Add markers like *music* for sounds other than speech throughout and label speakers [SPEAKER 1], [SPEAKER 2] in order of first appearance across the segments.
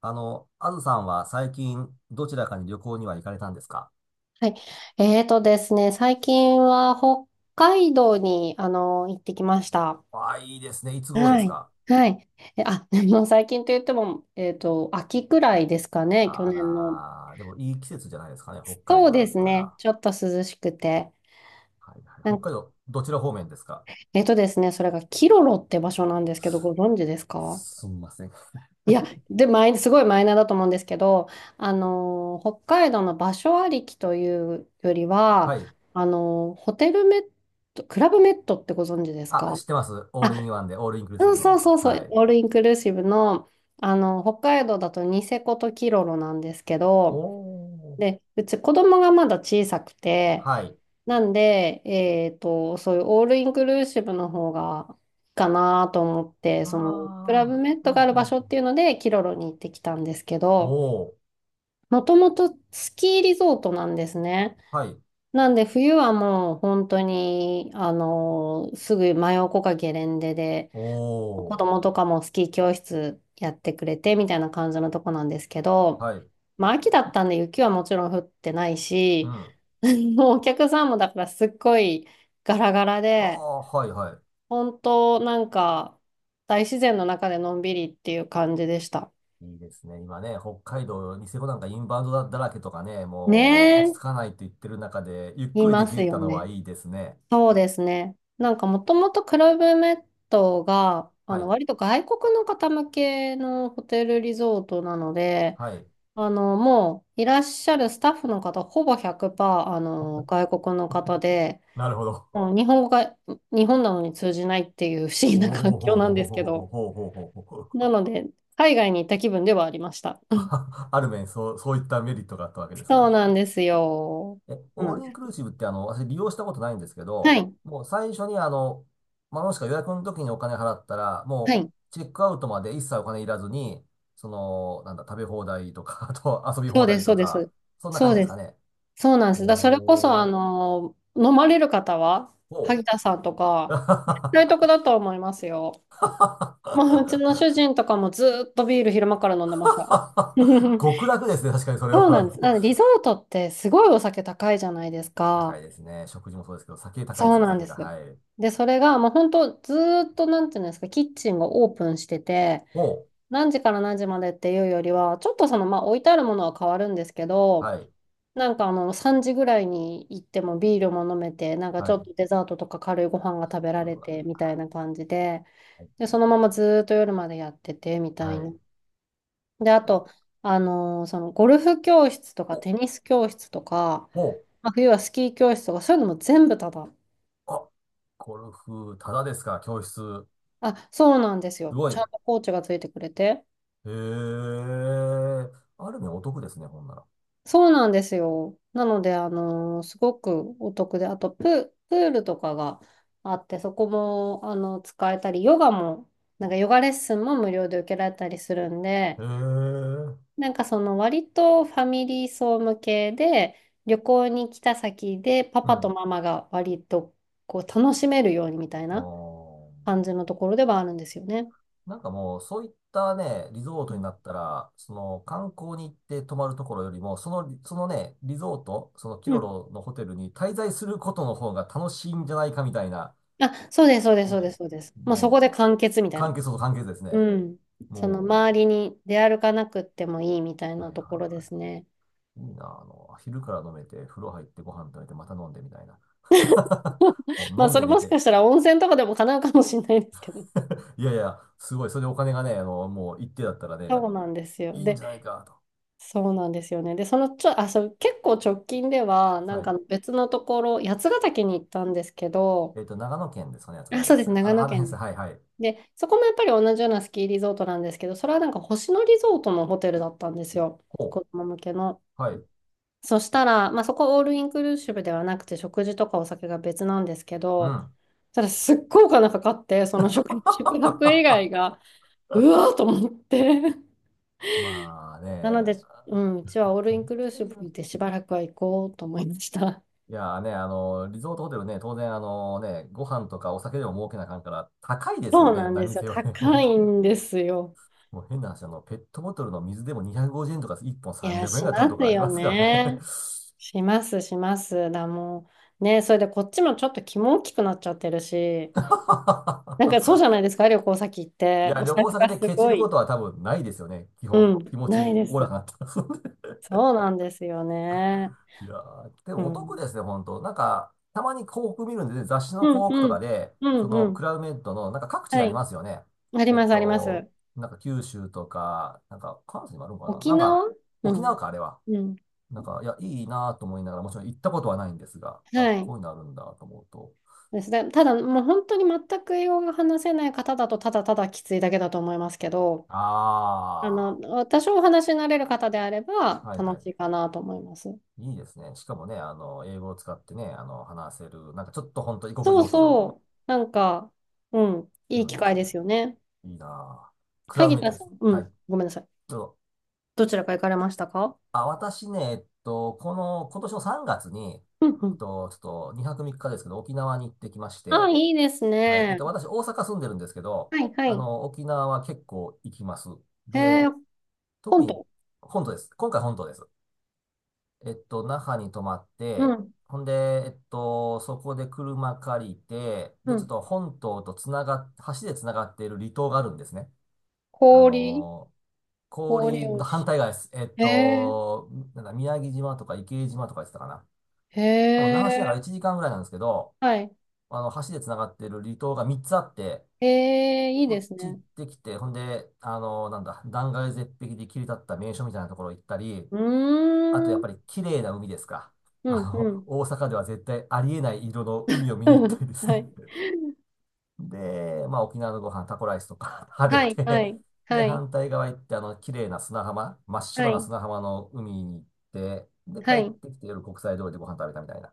[SPEAKER 1] あずさんは最近どちらかに旅行には行かれたんですか？
[SPEAKER 2] はい。えーとですね、最近は北海道に、行ってきました。
[SPEAKER 1] ああ、いいですね。いつ頃で
[SPEAKER 2] は
[SPEAKER 1] す
[SPEAKER 2] い。
[SPEAKER 1] か？
[SPEAKER 2] はい。でも最近と言っても、秋くらいですかね、去
[SPEAKER 1] あ
[SPEAKER 2] 年の。
[SPEAKER 1] らー、でもいい季節じゃないですかね。北海
[SPEAKER 2] そう
[SPEAKER 1] 道だ
[SPEAKER 2] で
[SPEAKER 1] っ
[SPEAKER 2] す
[SPEAKER 1] た
[SPEAKER 2] ね、
[SPEAKER 1] ら。
[SPEAKER 2] ちょっと涼しくて。
[SPEAKER 1] はいはい。
[SPEAKER 2] な
[SPEAKER 1] 北
[SPEAKER 2] ん
[SPEAKER 1] 海
[SPEAKER 2] か、
[SPEAKER 1] 道、どちら方面ですか？
[SPEAKER 2] えーとですね、それがキロロって場所なんですけど、ご存知ですか？
[SPEAKER 1] すみません。
[SPEAKER 2] いや、で、すごいマイナーだと思うんですけど、北海道の場所ありきというより
[SPEAKER 1] は
[SPEAKER 2] は、
[SPEAKER 1] い。
[SPEAKER 2] ホテルメット、クラブメットってご存知です
[SPEAKER 1] あ、
[SPEAKER 2] か？
[SPEAKER 1] 知ってます。オールイ
[SPEAKER 2] あ、
[SPEAKER 1] ンワンで、オールインクルーシ
[SPEAKER 2] うん、
[SPEAKER 1] ブ
[SPEAKER 2] そう
[SPEAKER 1] の。
[SPEAKER 2] そうそ
[SPEAKER 1] は
[SPEAKER 2] う、
[SPEAKER 1] い。
[SPEAKER 2] オールインクルーシブの、あの、北海道だとニセコとキロロなんですけ
[SPEAKER 1] お
[SPEAKER 2] ど、
[SPEAKER 1] ー。
[SPEAKER 2] で、うち子供がまだ小さくて、
[SPEAKER 1] はい。
[SPEAKER 2] なんで、そういうオールインクルーシブの方がいいかなと思って、その、ク
[SPEAKER 1] あ
[SPEAKER 2] ラブメッ
[SPEAKER 1] あ、
[SPEAKER 2] ト
[SPEAKER 1] はい
[SPEAKER 2] がある
[SPEAKER 1] は
[SPEAKER 2] 場所っ
[SPEAKER 1] い。
[SPEAKER 2] ていうので、キロロに行ってきたんですけど、
[SPEAKER 1] おー。
[SPEAKER 2] もともとスキーリゾートなんですね。
[SPEAKER 1] はい。
[SPEAKER 2] なんで、冬はもう本当に、あの、すぐ真横かゲレンデで、子
[SPEAKER 1] おー。
[SPEAKER 2] 供とかもスキー教室やってくれてみたいな感じのとこなんですけど、
[SPEAKER 1] はい。
[SPEAKER 2] まあ秋だったんで雪はもちろん降ってない
[SPEAKER 1] う
[SPEAKER 2] し、
[SPEAKER 1] ん。
[SPEAKER 2] *laughs* もうお客さんもだからすっごいガラガラ
[SPEAKER 1] あ
[SPEAKER 2] で、
[SPEAKER 1] あ、はいはい。
[SPEAKER 2] 本当なんか大自然の中でのんびりっていう感じでした。
[SPEAKER 1] いいですね。今ね、北海道、ニセコなんかインバウンドらけとかね、もう落ち
[SPEAKER 2] ね
[SPEAKER 1] 着かないと言ってる中で、ゆっ
[SPEAKER 2] え、
[SPEAKER 1] く
[SPEAKER 2] い
[SPEAKER 1] りで
[SPEAKER 2] ます
[SPEAKER 1] きた
[SPEAKER 2] よ
[SPEAKER 1] のは
[SPEAKER 2] ね。
[SPEAKER 1] いいですね。
[SPEAKER 2] そうですね。なんかもともとクラブメットが、あ
[SPEAKER 1] は
[SPEAKER 2] の
[SPEAKER 1] い。
[SPEAKER 2] 割と外国の方向けのホテルリゾートなので、
[SPEAKER 1] はい。
[SPEAKER 2] あの、もういらっしゃるスタッフの方、ほぼ100%、あの、外国の方で、
[SPEAKER 1] なるほど。
[SPEAKER 2] もう日本語が日本なのに通じないっていう不思
[SPEAKER 1] お
[SPEAKER 2] 議な
[SPEAKER 1] お
[SPEAKER 2] 環
[SPEAKER 1] ほう
[SPEAKER 2] 境なんですけ
[SPEAKER 1] ほう
[SPEAKER 2] ど、
[SPEAKER 1] ほうほうほう。
[SPEAKER 2] なので、海外に行った気分ではありました。
[SPEAKER 1] あ、ある面、そう、そういったメリットがあったわけです
[SPEAKER 2] そう
[SPEAKER 1] が。
[SPEAKER 2] なんですよ。
[SPEAKER 1] え、
[SPEAKER 2] そう
[SPEAKER 1] オー
[SPEAKER 2] なん
[SPEAKER 1] ルイ
[SPEAKER 2] で
[SPEAKER 1] ンクルー
[SPEAKER 2] す。
[SPEAKER 1] シブって私利用したことないんですけ
[SPEAKER 2] は
[SPEAKER 1] ど、
[SPEAKER 2] い。
[SPEAKER 1] もう最初にまあ、もしくは予約の時にお金払ったら、
[SPEAKER 2] は
[SPEAKER 1] も
[SPEAKER 2] い。
[SPEAKER 1] うチェックアウトまで一切お金いらずに、その、なんだ、食べ放題とか、*laughs* あと遊び
[SPEAKER 2] そ
[SPEAKER 1] 放
[SPEAKER 2] うで
[SPEAKER 1] 題
[SPEAKER 2] す、そ
[SPEAKER 1] と
[SPEAKER 2] うで
[SPEAKER 1] か、
[SPEAKER 2] す。
[SPEAKER 1] そんな
[SPEAKER 2] そ
[SPEAKER 1] 感じ
[SPEAKER 2] うです。そう
[SPEAKER 1] なんで
[SPEAKER 2] で
[SPEAKER 1] すか
[SPEAKER 2] す。
[SPEAKER 1] ね。
[SPEAKER 2] そうなんです。それこそ、
[SPEAKER 1] お
[SPEAKER 2] あ
[SPEAKER 1] ー。
[SPEAKER 2] の、飲まれる方は、
[SPEAKER 1] おう。
[SPEAKER 2] 萩田さんとか、大得だと思いますよ。もう、うちの主
[SPEAKER 1] *laughs*
[SPEAKER 2] 人とかもずーっとビール昼間から飲んでました。*laughs*
[SPEAKER 1] 極楽ですね、確かにそれは。
[SPEAKER 2] そうなんです。
[SPEAKER 1] あ
[SPEAKER 2] な
[SPEAKER 1] の
[SPEAKER 2] のでリゾートってすごいお酒高いじゃないです
[SPEAKER 1] 高い
[SPEAKER 2] か。
[SPEAKER 1] ですね。食事もそうですけど、酒高いで
[SPEAKER 2] そ
[SPEAKER 1] す
[SPEAKER 2] う
[SPEAKER 1] ね、
[SPEAKER 2] なん
[SPEAKER 1] 酒
[SPEAKER 2] で
[SPEAKER 1] が。
[SPEAKER 2] す。
[SPEAKER 1] はい。
[SPEAKER 2] で、それがもう本当ずーっとなんていうんですか、キッチンがオープンしてて、
[SPEAKER 1] おう。
[SPEAKER 2] 何時から何時までっていうよりは、ちょっとその、まあ置いてあるものは変わるんですけど、
[SPEAKER 1] はい。
[SPEAKER 2] なんかあの3時ぐらいに行ってもビールも飲めて、なんかち
[SPEAKER 1] は
[SPEAKER 2] ょっ
[SPEAKER 1] い。
[SPEAKER 2] とデザートとか軽いご飯が食べられ
[SPEAKER 1] うわ。
[SPEAKER 2] てみたいな感じで、
[SPEAKER 1] は
[SPEAKER 2] で、
[SPEAKER 1] い。
[SPEAKER 2] そのままずーっと夜までやっててみた
[SPEAKER 1] は
[SPEAKER 2] い
[SPEAKER 1] い
[SPEAKER 2] な。で、あ
[SPEAKER 1] う
[SPEAKER 2] と、そのゴルフ教室とか
[SPEAKER 1] お、
[SPEAKER 2] テニス教室とか、
[SPEAKER 1] おう。
[SPEAKER 2] まあ、冬はスキー教室とか、そういうのも全部タダ。
[SPEAKER 1] あ、ゴルフ、ただですか、教室。
[SPEAKER 2] あ、そうなんです
[SPEAKER 1] す
[SPEAKER 2] よ。
[SPEAKER 1] ごい。
[SPEAKER 2] ちゃんと
[SPEAKER 1] へ
[SPEAKER 2] コーチがついてくれて。
[SPEAKER 1] え。ある意味お得ですね、ほんなら。
[SPEAKER 2] そうなんですよ。なので、すごくお得で、あとプールとかがあって、そこも、あの、使えたり、ヨガも、なんかヨガレッスンも無料で受けられたりするんで、
[SPEAKER 1] へえ。
[SPEAKER 2] なんかその割とファミリー層向けで、旅行に来た先でパ
[SPEAKER 1] う
[SPEAKER 2] パと
[SPEAKER 1] ん。
[SPEAKER 2] ママが割とこう楽しめるようにみたい
[SPEAKER 1] あ
[SPEAKER 2] な
[SPEAKER 1] あ。
[SPEAKER 2] 感じのところではあるんですよね。
[SPEAKER 1] なんかもう、そういったね、リゾートになったら、その観光に行って泊まるところよりも、その、そのね、リゾート、そのキ
[SPEAKER 2] う
[SPEAKER 1] ロ
[SPEAKER 2] ん、
[SPEAKER 1] ロのホテルに滞在することの方が楽しいんじゃないかみたいな、
[SPEAKER 2] あ、そうです、そうです、
[SPEAKER 1] ね、
[SPEAKER 2] そうです、そうです。もうそ
[SPEAKER 1] も
[SPEAKER 2] こ
[SPEAKER 1] う、
[SPEAKER 2] で完結みたい
[SPEAKER 1] 関
[SPEAKER 2] な。
[SPEAKER 1] 係そうと関係ですね。
[SPEAKER 2] うん。その
[SPEAKER 1] も
[SPEAKER 2] 周りに出歩かなくってもいいみたい
[SPEAKER 1] う、は
[SPEAKER 2] な
[SPEAKER 1] い
[SPEAKER 2] と
[SPEAKER 1] は
[SPEAKER 2] こ
[SPEAKER 1] い
[SPEAKER 2] ろで
[SPEAKER 1] は
[SPEAKER 2] すね。
[SPEAKER 1] い。いいな、昼から飲めて、風呂入ってご飯食べて、また飲んでみたいな。
[SPEAKER 2] *laughs*
[SPEAKER 1] *laughs* もう
[SPEAKER 2] まあ、
[SPEAKER 1] 飲ん
[SPEAKER 2] そ
[SPEAKER 1] で
[SPEAKER 2] れ
[SPEAKER 1] 寝
[SPEAKER 2] もし
[SPEAKER 1] て。
[SPEAKER 2] かしたら温泉とかでも叶うかもしれないですけど。
[SPEAKER 1] いやいや、すごい、それでお金がね、もう一定だったらね、
[SPEAKER 2] そうなんですよ。
[SPEAKER 1] いいん
[SPEAKER 2] で、
[SPEAKER 1] じゃないかと。
[SPEAKER 2] そうなんですよね。で、そのちょ、あ、そう、結構直近では、なん
[SPEAKER 1] は
[SPEAKER 2] か
[SPEAKER 1] い。
[SPEAKER 2] 別のところ、八ヶ岳に行ったんですけど、
[SPEAKER 1] えっと、長野県ですかね、やつがだ
[SPEAKER 2] あ、
[SPEAKER 1] け
[SPEAKER 2] そう
[SPEAKER 1] でし
[SPEAKER 2] です、
[SPEAKER 1] た。あ
[SPEAKER 2] 長
[SPEAKER 1] の、
[SPEAKER 2] 野
[SPEAKER 1] あの辺
[SPEAKER 2] 県
[SPEAKER 1] で
[SPEAKER 2] で
[SPEAKER 1] す。
[SPEAKER 2] す。
[SPEAKER 1] はい、はい。
[SPEAKER 2] で、そこもやっぱり同じようなスキーリゾートなんですけど、それはなんか星野リゾートのホテルだったんですよ。
[SPEAKER 1] ほ
[SPEAKER 2] 子供向けの。
[SPEAKER 1] う。はい。
[SPEAKER 2] そしたら、まあ、そこオールインクルーシブではなくて、食事とかお酒が別なんですけ
[SPEAKER 1] う
[SPEAKER 2] ど、
[SPEAKER 1] ん。
[SPEAKER 2] ただすっごいお金かかって、その食、*laughs* 宿泊以外
[SPEAKER 1] *laughs*
[SPEAKER 2] が、うわーと思って。
[SPEAKER 1] まあね、
[SPEAKER 2] なので、うん、うちはオール
[SPEAKER 1] ど
[SPEAKER 2] イ
[SPEAKER 1] ん
[SPEAKER 2] ン
[SPEAKER 1] く
[SPEAKER 2] クルー
[SPEAKER 1] さい
[SPEAKER 2] シ
[SPEAKER 1] な。
[SPEAKER 2] ブでしばらくは行こうと思いました。
[SPEAKER 1] いやーね、リゾートホテルね、当然、あのね、ご飯とかお酒でも儲けなあかんから、高いですよ
[SPEAKER 2] そう
[SPEAKER 1] ね、
[SPEAKER 2] なん
[SPEAKER 1] 何
[SPEAKER 2] で
[SPEAKER 1] に
[SPEAKER 2] すよ。
[SPEAKER 1] せよね、*laughs* 本
[SPEAKER 2] 高い
[SPEAKER 1] 当に。
[SPEAKER 2] んですよ。
[SPEAKER 1] もう変な話、ペットボトルの水でも250円とか、1本
[SPEAKER 2] いや、
[SPEAKER 1] 300円ぐ
[SPEAKER 2] し
[SPEAKER 1] らい取る
[SPEAKER 2] ま
[SPEAKER 1] と
[SPEAKER 2] す
[SPEAKER 1] かあり
[SPEAKER 2] よ
[SPEAKER 1] ますからね。
[SPEAKER 2] ね。します、します。もう、ね、それでこっちもちょっと気も大きくなっちゃってるし、なんかそうじゃないですか、旅行先行っ
[SPEAKER 1] *laughs* い
[SPEAKER 2] て。
[SPEAKER 1] や、
[SPEAKER 2] お
[SPEAKER 1] 旅
[SPEAKER 2] 財
[SPEAKER 1] 行
[SPEAKER 2] 布
[SPEAKER 1] 先
[SPEAKER 2] が
[SPEAKER 1] で
[SPEAKER 2] す
[SPEAKER 1] ケチ
[SPEAKER 2] ご
[SPEAKER 1] るこ
[SPEAKER 2] い。
[SPEAKER 1] とは多分ないですよね、基本。
[SPEAKER 2] うん、
[SPEAKER 1] 気持
[SPEAKER 2] ない
[SPEAKER 1] ち
[SPEAKER 2] で
[SPEAKER 1] おおら
[SPEAKER 2] す。
[SPEAKER 1] かになってますんで。 *laughs*
[SPEAKER 2] そうなんですよね。
[SPEAKER 1] いやー、で
[SPEAKER 2] う
[SPEAKER 1] もお得
[SPEAKER 2] ん。
[SPEAKER 1] ですね、本当。なんか、たまに広告見るんで、雑誌の
[SPEAKER 2] う
[SPEAKER 1] 広
[SPEAKER 2] ん、
[SPEAKER 1] 告と
[SPEAKER 2] う
[SPEAKER 1] か
[SPEAKER 2] ん、
[SPEAKER 1] で、
[SPEAKER 2] う
[SPEAKER 1] そ
[SPEAKER 2] ん、
[SPEAKER 1] の
[SPEAKER 2] う
[SPEAKER 1] ク
[SPEAKER 2] ん。
[SPEAKER 1] ラウメッドの、なんか各地に
[SPEAKER 2] は
[SPEAKER 1] あり
[SPEAKER 2] い。
[SPEAKER 1] ますよね。
[SPEAKER 2] あり
[SPEAKER 1] えっ
[SPEAKER 2] ます、ありま
[SPEAKER 1] と、
[SPEAKER 2] す。
[SPEAKER 1] なんか九州とか、なんか関西にもあるのかな、
[SPEAKER 2] 沖
[SPEAKER 1] なんか、
[SPEAKER 2] 縄。う
[SPEAKER 1] 沖縄
[SPEAKER 2] ん。
[SPEAKER 1] か、あれは。
[SPEAKER 2] うん。
[SPEAKER 1] なんか、いや、いいなと思いながら、もちろん行ったことはないんですが、あ、
[SPEAKER 2] は
[SPEAKER 1] こ
[SPEAKER 2] い。
[SPEAKER 1] ういうのあるんだと思うと。
[SPEAKER 2] ですね。ただ、もう本当に全く英語が話せない方だと、ただただきついだけだと思いますけど、あ
[SPEAKER 1] あ
[SPEAKER 2] の、多少お話しになれる方であれば、
[SPEAKER 1] あ、はいは
[SPEAKER 2] 楽
[SPEAKER 1] い。
[SPEAKER 2] しいかなと思います。
[SPEAKER 1] いいですね。しかもね、英語を使ってね、話せる、なんかちょっと本当異国
[SPEAKER 2] そ
[SPEAKER 1] 情
[SPEAKER 2] う
[SPEAKER 1] 緒の
[SPEAKER 2] そう。なんか、うん。
[SPEAKER 1] 気
[SPEAKER 2] いい機
[SPEAKER 1] 分です
[SPEAKER 2] 会
[SPEAKER 1] よ
[SPEAKER 2] で
[SPEAKER 1] ね。
[SPEAKER 2] すよね。
[SPEAKER 1] いいなあ。クラウ
[SPEAKER 2] 萩
[SPEAKER 1] メット
[SPEAKER 2] 田
[SPEAKER 1] で
[SPEAKER 2] さん。
[SPEAKER 1] す。
[SPEAKER 2] う
[SPEAKER 1] は
[SPEAKER 2] ん。
[SPEAKER 1] い。
[SPEAKER 2] ごめんなさい。
[SPEAKER 1] どうぞ。
[SPEAKER 2] どちらか行かれましたか？
[SPEAKER 1] あ、私ね、えっと、この、今年の3月に、
[SPEAKER 2] うん、う
[SPEAKER 1] えっ
[SPEAKER 2] ん。
[SPEAKER 1] と、ちょっと2泊3日ですけど、沖縄に行ってきまし
[SPEAKER 2] あ、
[SPEAKER 1] て、
[SPEAKER 2] いいです
[SPEAKER 1] はい、えっ
[SPEAKER 2] ね。
[SPEAKER 1] と、私、大阪住んでるんですけど、
[SPEAKER 2] はい、はい。
[SPEAKER 1] 沖縄は結構行きます。
[SPEAKER 2] え
[SPEAKER 1] で、
[SPEAKER 2] ー、
[SPEAKER 1] 特
[SPEAKER 2] 本
[SPEAKER 1] に、
[SPEAKER 2] 当。
[SPEAKER 1] 本島です。今回本島です。えっと、那覇に泊まっ
[SPEAKER 2] う
[SPEAKER 1] て、
[SPEAKER 2] ん、
[SPEAKER 1] ほんで、えっと、そこで車借りて、
[SPEAKER 2] う
[SPEAKER 1] で、ちょっ
[SPEAKER 2] ん。
[SPEAKER 1] と本島とつながっ、橋でつながっている離島があるんですね。あ
[SPEAKER 2] 氷、
[SPEAKER 1] の、
[SPEAKER 2] 氷
[SPEAKER 1] 氷と
[SPEAKER 2] を
[SPEAKER 1] 反
[SPEAKER 2] し。
[SPEAKER 1] 対側です。えっ
[SPEAKER 2] え
[SPEAKER 1] と、なんだ、宮城島とか池江島とか言ってたかな。
[SPEAKER 2] ー、
[SPEAKER 1] 多分那覇市内から
[SPEAKER 2] えー、
[SPEAKER 1] 1時間ぐらいなんですけど、
[SPEAKER 2] はい。
[SPEAKER 1] 橋で繋がってる離島が3つあって、
[SPEAKER 2] えー、いい
[SPEAKER 1] そ
[SPEAKER 2] で
[SPEAKER 1] っ
[SPEAKER 2] す
[SPEAKER 1] ち行っ
[SPEAKER 2] ね。
[SPEAKER 1] てきて、ほんで、あの、なんだ、断崖絶壁で切り立った名所みたいなところ行ったり、
[SPEAKER 2] う
[SPEAKER 1] あとや
[SPEAKER 2] ー
[SPEAKER 1] っ
[SPEAKER 2] ん、
[SPEAKER 1] ぱり綺麗な海ですか。
[SPEAKER 2] うん、うん。
[SPEAKER 1] 大阪では絶対ありえない色の海を
[SPEAKER 2] *laughs*
[SPEAKER 1] 見に行ったりです
[SPEAKER 2] は
[SPEAKER 1] ね。
[SPEAKER 2] い、
[SPEAKER 1] で、まあ、沖縄のご飯、タコライスとか *laughs* 食べ
[SPEAKER 2] はい、は
[SPEAKER 1] て、
[SPEAKER 2] い、
[SPEAKER 1] で、
[SPEAKER 2] はい、
[SPEAKER 1] 反対側行って、綺麗な砂浜、真っ
[SPEAKER 2] は
[SPEAKER 1] 白な
[SPEAKER 2] い、
[SPEAKER 1] 砂浜の海に行って、で、帰
[SPEAKER 2] は
[SPEAKER 1] っ
[SPEAKER 2] い。う
[SPEAKER 1] てきて夜国際通りでご飯食べたみたいな。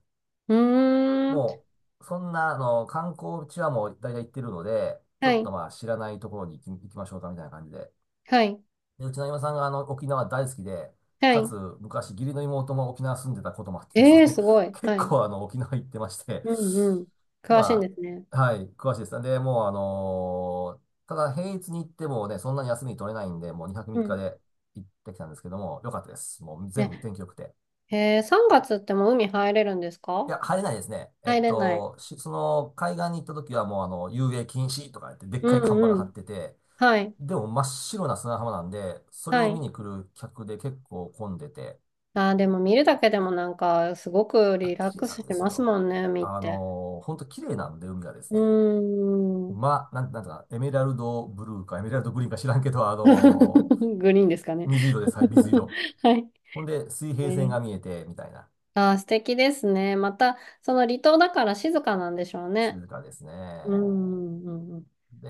[SPEAKER 2] ーん、
[SPEAKER 1] もう、そんな、観光地はもう大体行ってるので、ち
[SPEAKER 2] は
[SPEAKER 1] ょっと
[SPEAKER 2] い、
[SPEAKER 1] まあ、知らないところに行き、行きましょうかみたいな感じで。
[SPEAKER 2] はい、
[SPEAKER 1] で、うちの今さんがあの沖縄大好きで、
[SPEAKER 2] は
[SPEAKER 1] かつ
[SPEAKER 2] い。
[SPEAKER 1] 昔義理の妹も沖縄住んでたこともあってです
[SPEAKER 2] えー、
[SPEAKER 1] ね、
[SPEAKER 2] すご
[SPEAKER 1] *laughs*
[SPEAKER 2] い。
[SPEAKER 1] 結
[SPEAKER 2] はい。
[SPEAKER 1] 構あの沖縄行ってまして、
[SPEAKER 2] うん、うん。詳しいん
[SPEAKER 1] ま
[SPEAKER 2] ですね。
[SPEAKER 1] あ、はい、詳しいです。で、もうあのーただ平日に行ってもね、そんなに休み取れないんで、もう2泊
[SPEAKER 2] う
[SPEAKER 1] 3日
[SPEAKER 2] ん。
[SPEAKER 1] で行ってきたんですけども、良かったです。もう全部
[SPEAKER 2] ね。
[SPEAKER 1] 天気良くて。
[SPEAKER 2] えー、3月ってもう海入れるんです
[SPEAKER 1] い
[SPEAKER 2] か？
[SPEAKER 1] や、入れないですね。えっ
[SPEAKER 2] 入れない。
[SPEAKER 1] と、しその海岸に行った時はもうあの、遊泳禁止とか言って、でっ
[SPEAKER 2] う
[SPEAKER 1] かい看板
[SPEAKER 2] ん、う
[SPEAKER 1] が張っ
[SPEAKER 2] ん。
[SPEAKER 1] てて、
[SPEAKER 2] はい、
[SPEAKER 1] でも真っ白な砂浜なんで、それ
[SPEAKER 2] は
[SPEAKER 1] を見
[SPEAKER 2] い。
[SPEAKER 1] に来る客で結構混んでて、
[SPEAKER 2] あー、でも見るだけでもなんか、すごく
[SPEAKER 1] あ、
[SPEAKER 2] リラッ
[SPEAKER 1] 綺麗
[SPEAKER 2] ク
[SPEAKER 1] な
[SPEAKER 2] ス
[SPEAKER 1] んで
[SPEAKER 2] し
[SPEAKER 1] す
[SPEAKER 2] ます
[SPEAKER 1] よ。
[SPEAKER 2] もんね、見っ
[SPEAKER 1] あ
[SPEAKER 2] て。
[SPEAKER 1] のー、ほんと綺麗なんで、海がです
[SPEAKER 2] う
[SPEAKER 1] ね。
[SPEAKER 2] ーん。
[SPEAKER 1] まあ、なんとか、エメラルドブルーか、エメラルドグリーンか知らんけど、あ
[SPEAKER 2] *laughs*
[SPEAKER 1] のー
[SPEAKER 2] グリーンですかね。
[SPEAKER 1] 水色です。はい、水
[SPEAKER 2] *laughs*
[SPEAKER 1] 色。
[SPEAKER 2] はい。
[SPEAKER 1] ほんで、水平線
[SPEAKER 2] ね、
[SPEAKER 1] が見えて、みたいな、
[SPEAKER 2] あー、素敵ですね。また、その離島だから静かなんでしょうね。
[SPEAKER 1] 静かですね。
[SPEAKER 2] うん、うん、うん。
[SPEAKER 1] で、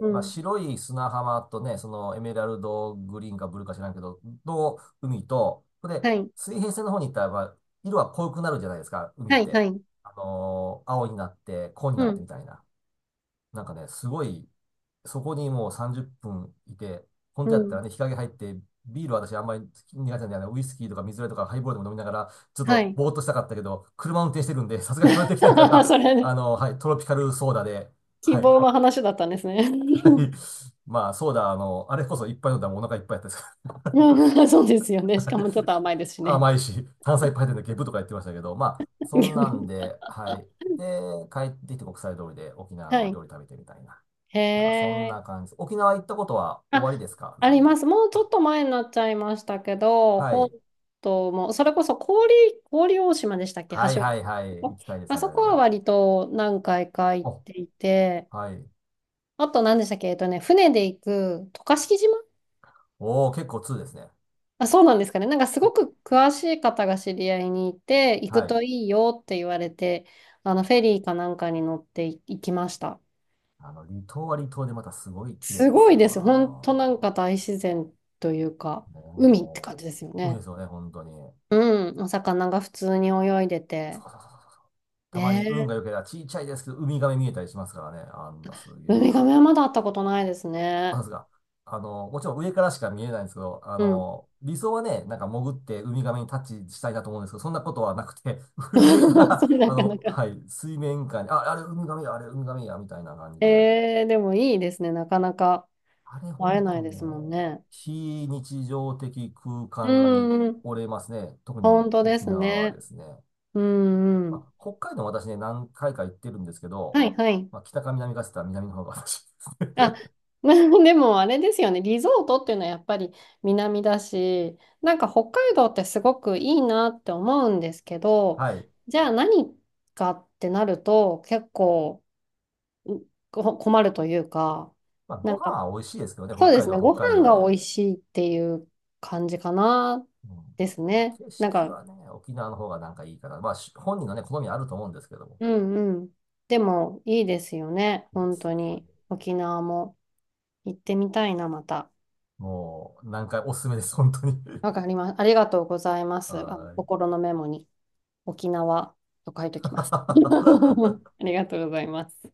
[SPEAKER 2] う
[SPEAKER 1] まあ、
[SPEAKER 2] ん、
[SPEAKER 1] 白い砂浜とね、そのエメラルドグリーンかブルーか知らんけど、の海と、これ、
[SPEAKER 2] はい、
[SPEAKER 1] 水平線の方に行ったら、まあ、色は濃くなるじゃないですか、海っ
[SPEAKER 2] はい、は
[SPEAKER 1] て。
[SPEAKER 2] い。
[SPEAKER 1] あのー青になって、紺にな
[SPEAKER 2] う
[SPEAKER 1] ってみ
[SPEAKER 2] ん、
[SPEAKER 1] たいな。なんかね、すごい、そこにもう30分いて、本
[SPEAKER 2] う
[SPEAKER 1] 当やった
[SPEAKER 2] ん。
[SPEAKER 1] らね、日陰入って、ビールは私あんまり苦手なんで、あのウイスキーとか水割りとかハイボールでも飲みながら、ちょっ
[SPEAKER 2] は
[SPEAKER 1] と
[SPEAKER 2] い。
[SPEAKER 1] ぼーっとしたかったけど、車運転してるんで、さすがにそれできないか
[SPEAKER 2] *laughs*
[SPEAKER 1] ら、
[SPEAKER 2] それ
[SPEAKER 1] あ
[SPEAKER 2] ね、
[SPEAKER 1] のはい、トロピカルソーダで、
[SPEAKER 2] 希
[SPEAKER 1] はい、
[SPEAKER 2] 望の話だったんですね。
[SPEAKER 1] *laughs* はい。
[SPEAKER 2] *laughs*
[SPEAKER 1] まあ、そうだ、あれこそいっぱい飲んだらもうお腹いっぱいやったですか
[SPEAKER 2] うん、そうですよね。しかもちょっと甘いですし
[SPEAKER 1] ら。*laughs*
[SPEAKER 2] ね。
[SPEAKER 1] 甘いし、炭酸いっぱい入ってるんでゲブとか言ってましたけど、まあ、そんなん
[SPEAKER 2] *laughs*
[SPEAKER 1] で、はい。で、帰ってきて国際通りで沖縄
[SPEAKER 2] は
[SPEAKER 1] の料
[SPEAKER 2] い。
[SPEAKER 1] 理食べてみたいな。
[SPEAKER 2] へ
[SPEAKER 1] なんかそんな
[SPEAKER 2] え。
[SPEAKER 1] 感じです。沖縄行ったことは終わり
[SPEAKER 2] あ、
[SPEAKER 1] ですか
[SPEAKER 2] あ
[SPEAKER 1] さ
[SPEAKER 2] り
[SPEAKER 1] ん
[SPEAKER 2] ま
[SPEAKER 1] は。
[SPEAKER 2] す。もうちょっ
[SPEAKER 1] あ、
[SPEAKER 2] と前になっちゃいましたけど、
[SPEAKER 1] は
[SPEAKER 2] 本
[SPEAKER 1] い。
[SPEAKER 2] 島も、それこそ氷、氷大島でしたっけ、橋
[SPEAKER 1] はい
[SPEAKER 2] 渡
[SPEAKER 1] は
[SPEAKER 2] り。
[SPEAKER 1] いはい。行きたいです
[SPEAKER 2] あ
[SPEAKER 1] ね、あ
[SPEAKER 2] そ
[SPEAKER 1] れ
[SPEAKER 2] こは
[SPEAKER 1] も。
[SPEAKER 2] 割と何回か行っ
[SPEAKER 1] お、
[SPEAKER 2] ていて、
[SPEAKER 1] はい。
[SPEAKER 2] あと何でしたっけ、えっとね、船で行く渡嘉敷島。
[SPEAKER 1] おー、結構ーですね。
[SPEAKER 2] あ、そうなんですかね。なんかすごく詳しい方が知り合いにいて、行く
[SPEAKER 1] はい。
[SPEAKER 2] といいよって言われて、あのフェリーかなんかに乗ってい行きました。
[SPEAKER 1] 離島は離島でまたすごい綺麗
[SPEAKER 2] す
[SPEAKER 1] で
[SPEAKER 2] ご
[SPEAKER 1] す
[SPEAKER 2] い
[SPEAKER 1] よ。
[SPEAKER 2] です。本当な
[SPEAKER 1] あ
[SPEAKER 2] んか大自然というか、
[SPEAKER 1] のね、
[SPEAKER 2] 海って
[SPEAKER 1] も
[SPEAKER 2] 感じですよ
[SPEAKER 1] う、海で
[SPEAKER 2] ね。
[SPEAKER 1] すよね、本当に。
[SPEAKER 2] うん、お魚が普通に泳いで
[SPEAKER 1] そう
[SPEAKER 2] て。
[SPEAKER 1] そうそうそう、たま
[SPEAKER 2] ね
[SPEAKER 1] に運
[SPEAKER 2] え、
[SPEAKER 1] が良ければ、ちっちゃいですけど、ウミガメ見えたりしますからね。あんなすげ
[SPEAKER 2] ウ
[SPEAKER 1] え
[SPEAKER 2] ミガ
[SPEAKER 1] な。
[SPEAKER 2] メはまだ会ったことないです
[SPEAKER 1] あ、
[SPEAKER 2] ね。
[SPEAKER 1] ですが、もちろん上からしか見えないんですけど、
[SPEAKER 2] うん。
[SPEAKER 1] 理想はね、なんか潜ってウミガメにタッチしたいなと思うんですけど、そんなことはなくて、*laughs* 上か
[SPEAKER 2] *laughs* そ
[SPEAKER 1] ら、
[SPEAKER 2] れな
[SPEAKER 1] あ
[SPEAKER 2] かな
[SPEAKER 1] の、
[SPEAKER 2] か。
[SPEAKER 1] はい、水面下に、あ、あれウミガメや、あれウミガメや、みたいな感じで、
[SPEAKER 2] えー、でもいいですね。なかなか
[SPEAKER 1] あれほ
[SPEAKER 2] 会え
[SPEAKER 1] ん
[SPEAKER 2] ない
[SPEAKER 1] と
[SPEAKER 2] で
[SPEAKER 1] ね、
[SPEAKER 2] すもんね。
[SPEAKER 1] 非日常的空
[SPEAKER 2] う
[SPEAKER 1] 間に
[SPEAKER 2] んうん、
[SPEAKER 1] 折れますね。特に
[SPEAKER 2] 本当で
[SPEAKER 1] 沖
[SPEAKER 2] す
[SPEAKER 1] 縄は
[SPEAKER 2] ね。
[SPEAKER 1] ですね。
[SPEAKER 2] うんう
[SPEAKER 1] ま
[SPEAKER 2] ん。
[SPEAKER 1] あ、北海道も私ね、何回か行ってるんですけど、
[SPEAKER 2] はいはい。
[SPEAKER 1] まあ、北か南かって言ったら南の方が私です
[SPEAKER 2] あ、
[SPEAKER 1] ね。
[SPEAKER 2] *laughs* でもあれですよね。リゾートっていうのはやっぱり南だし、なんか北海道ってすごくいいなって思うんですけ
[SPEAKER 1] *laughs*
[SPEAKER 2] ど、
[SPEAKER 1] はい。
[SPEAKER 2] じゃあ何かってなると結構、困るというか、
[SPEAKER 1] まあ、ご
[SPEAKER 2] なんか、
[SPEAKER 1] 飯は美味しいですけどね、北
[SPEAKER 2] そうで
[SPEAKER 1] 海
[SPEAKER 2] す
[SPEAKER 1] 道
[SPEAKER 2] ね、
[SPEAKER 1] は
[SPEAKER 2] ご
[SPEAKER 1] 北海
[SPEAKER 2] 飯
[SPEAKER 1] 道
[SPEAKER 2] が
[SPEAKER 1] で。
[SPEAKER 2] 美味しいっていう感じかな、
[SPEAKER 1] うん。
[SPEAKER 2] です
[SPEAKER 1] まあ、
[SPEAKER 2] ね。
[SPEAKER 1] 景
[SPEAKER 2] なん
[SPEAKER 1] 色
[SPEAKER 2] か、
[SPEAKER 1] はね、沖縄の方がなんかいいかな。まあ、し本人のね、好みあると思うんですけども。
[SPEAKER 2] うんうん。でも、いいですよね、
[SPEAKER 1] いいで
[SPEAKER 2] 本
[SPEAKER 1] す。
[SPEAKER 2] 当
[SPEAKER 1] 本当
[SPEAKER 2] に。
[SPEAKER 1] に
[SPEAKER 2] 沖縄も行ってみたいな、また。
[SPEAKER 1] もう、何回おすすめです、本当に。
[SPEAKER 2] わかります。ありがとうございま
[SPEAKER 1] *laughs*
[SPEAKER 2] す。あの、
[SPEAKER 1] はーい。
[SPEAKER 2] 心のメモに、沖縄と書いておきます。*laughs*
[SPEAKER 1] *laughs*
[SPEAKER 2] ありがとうございます。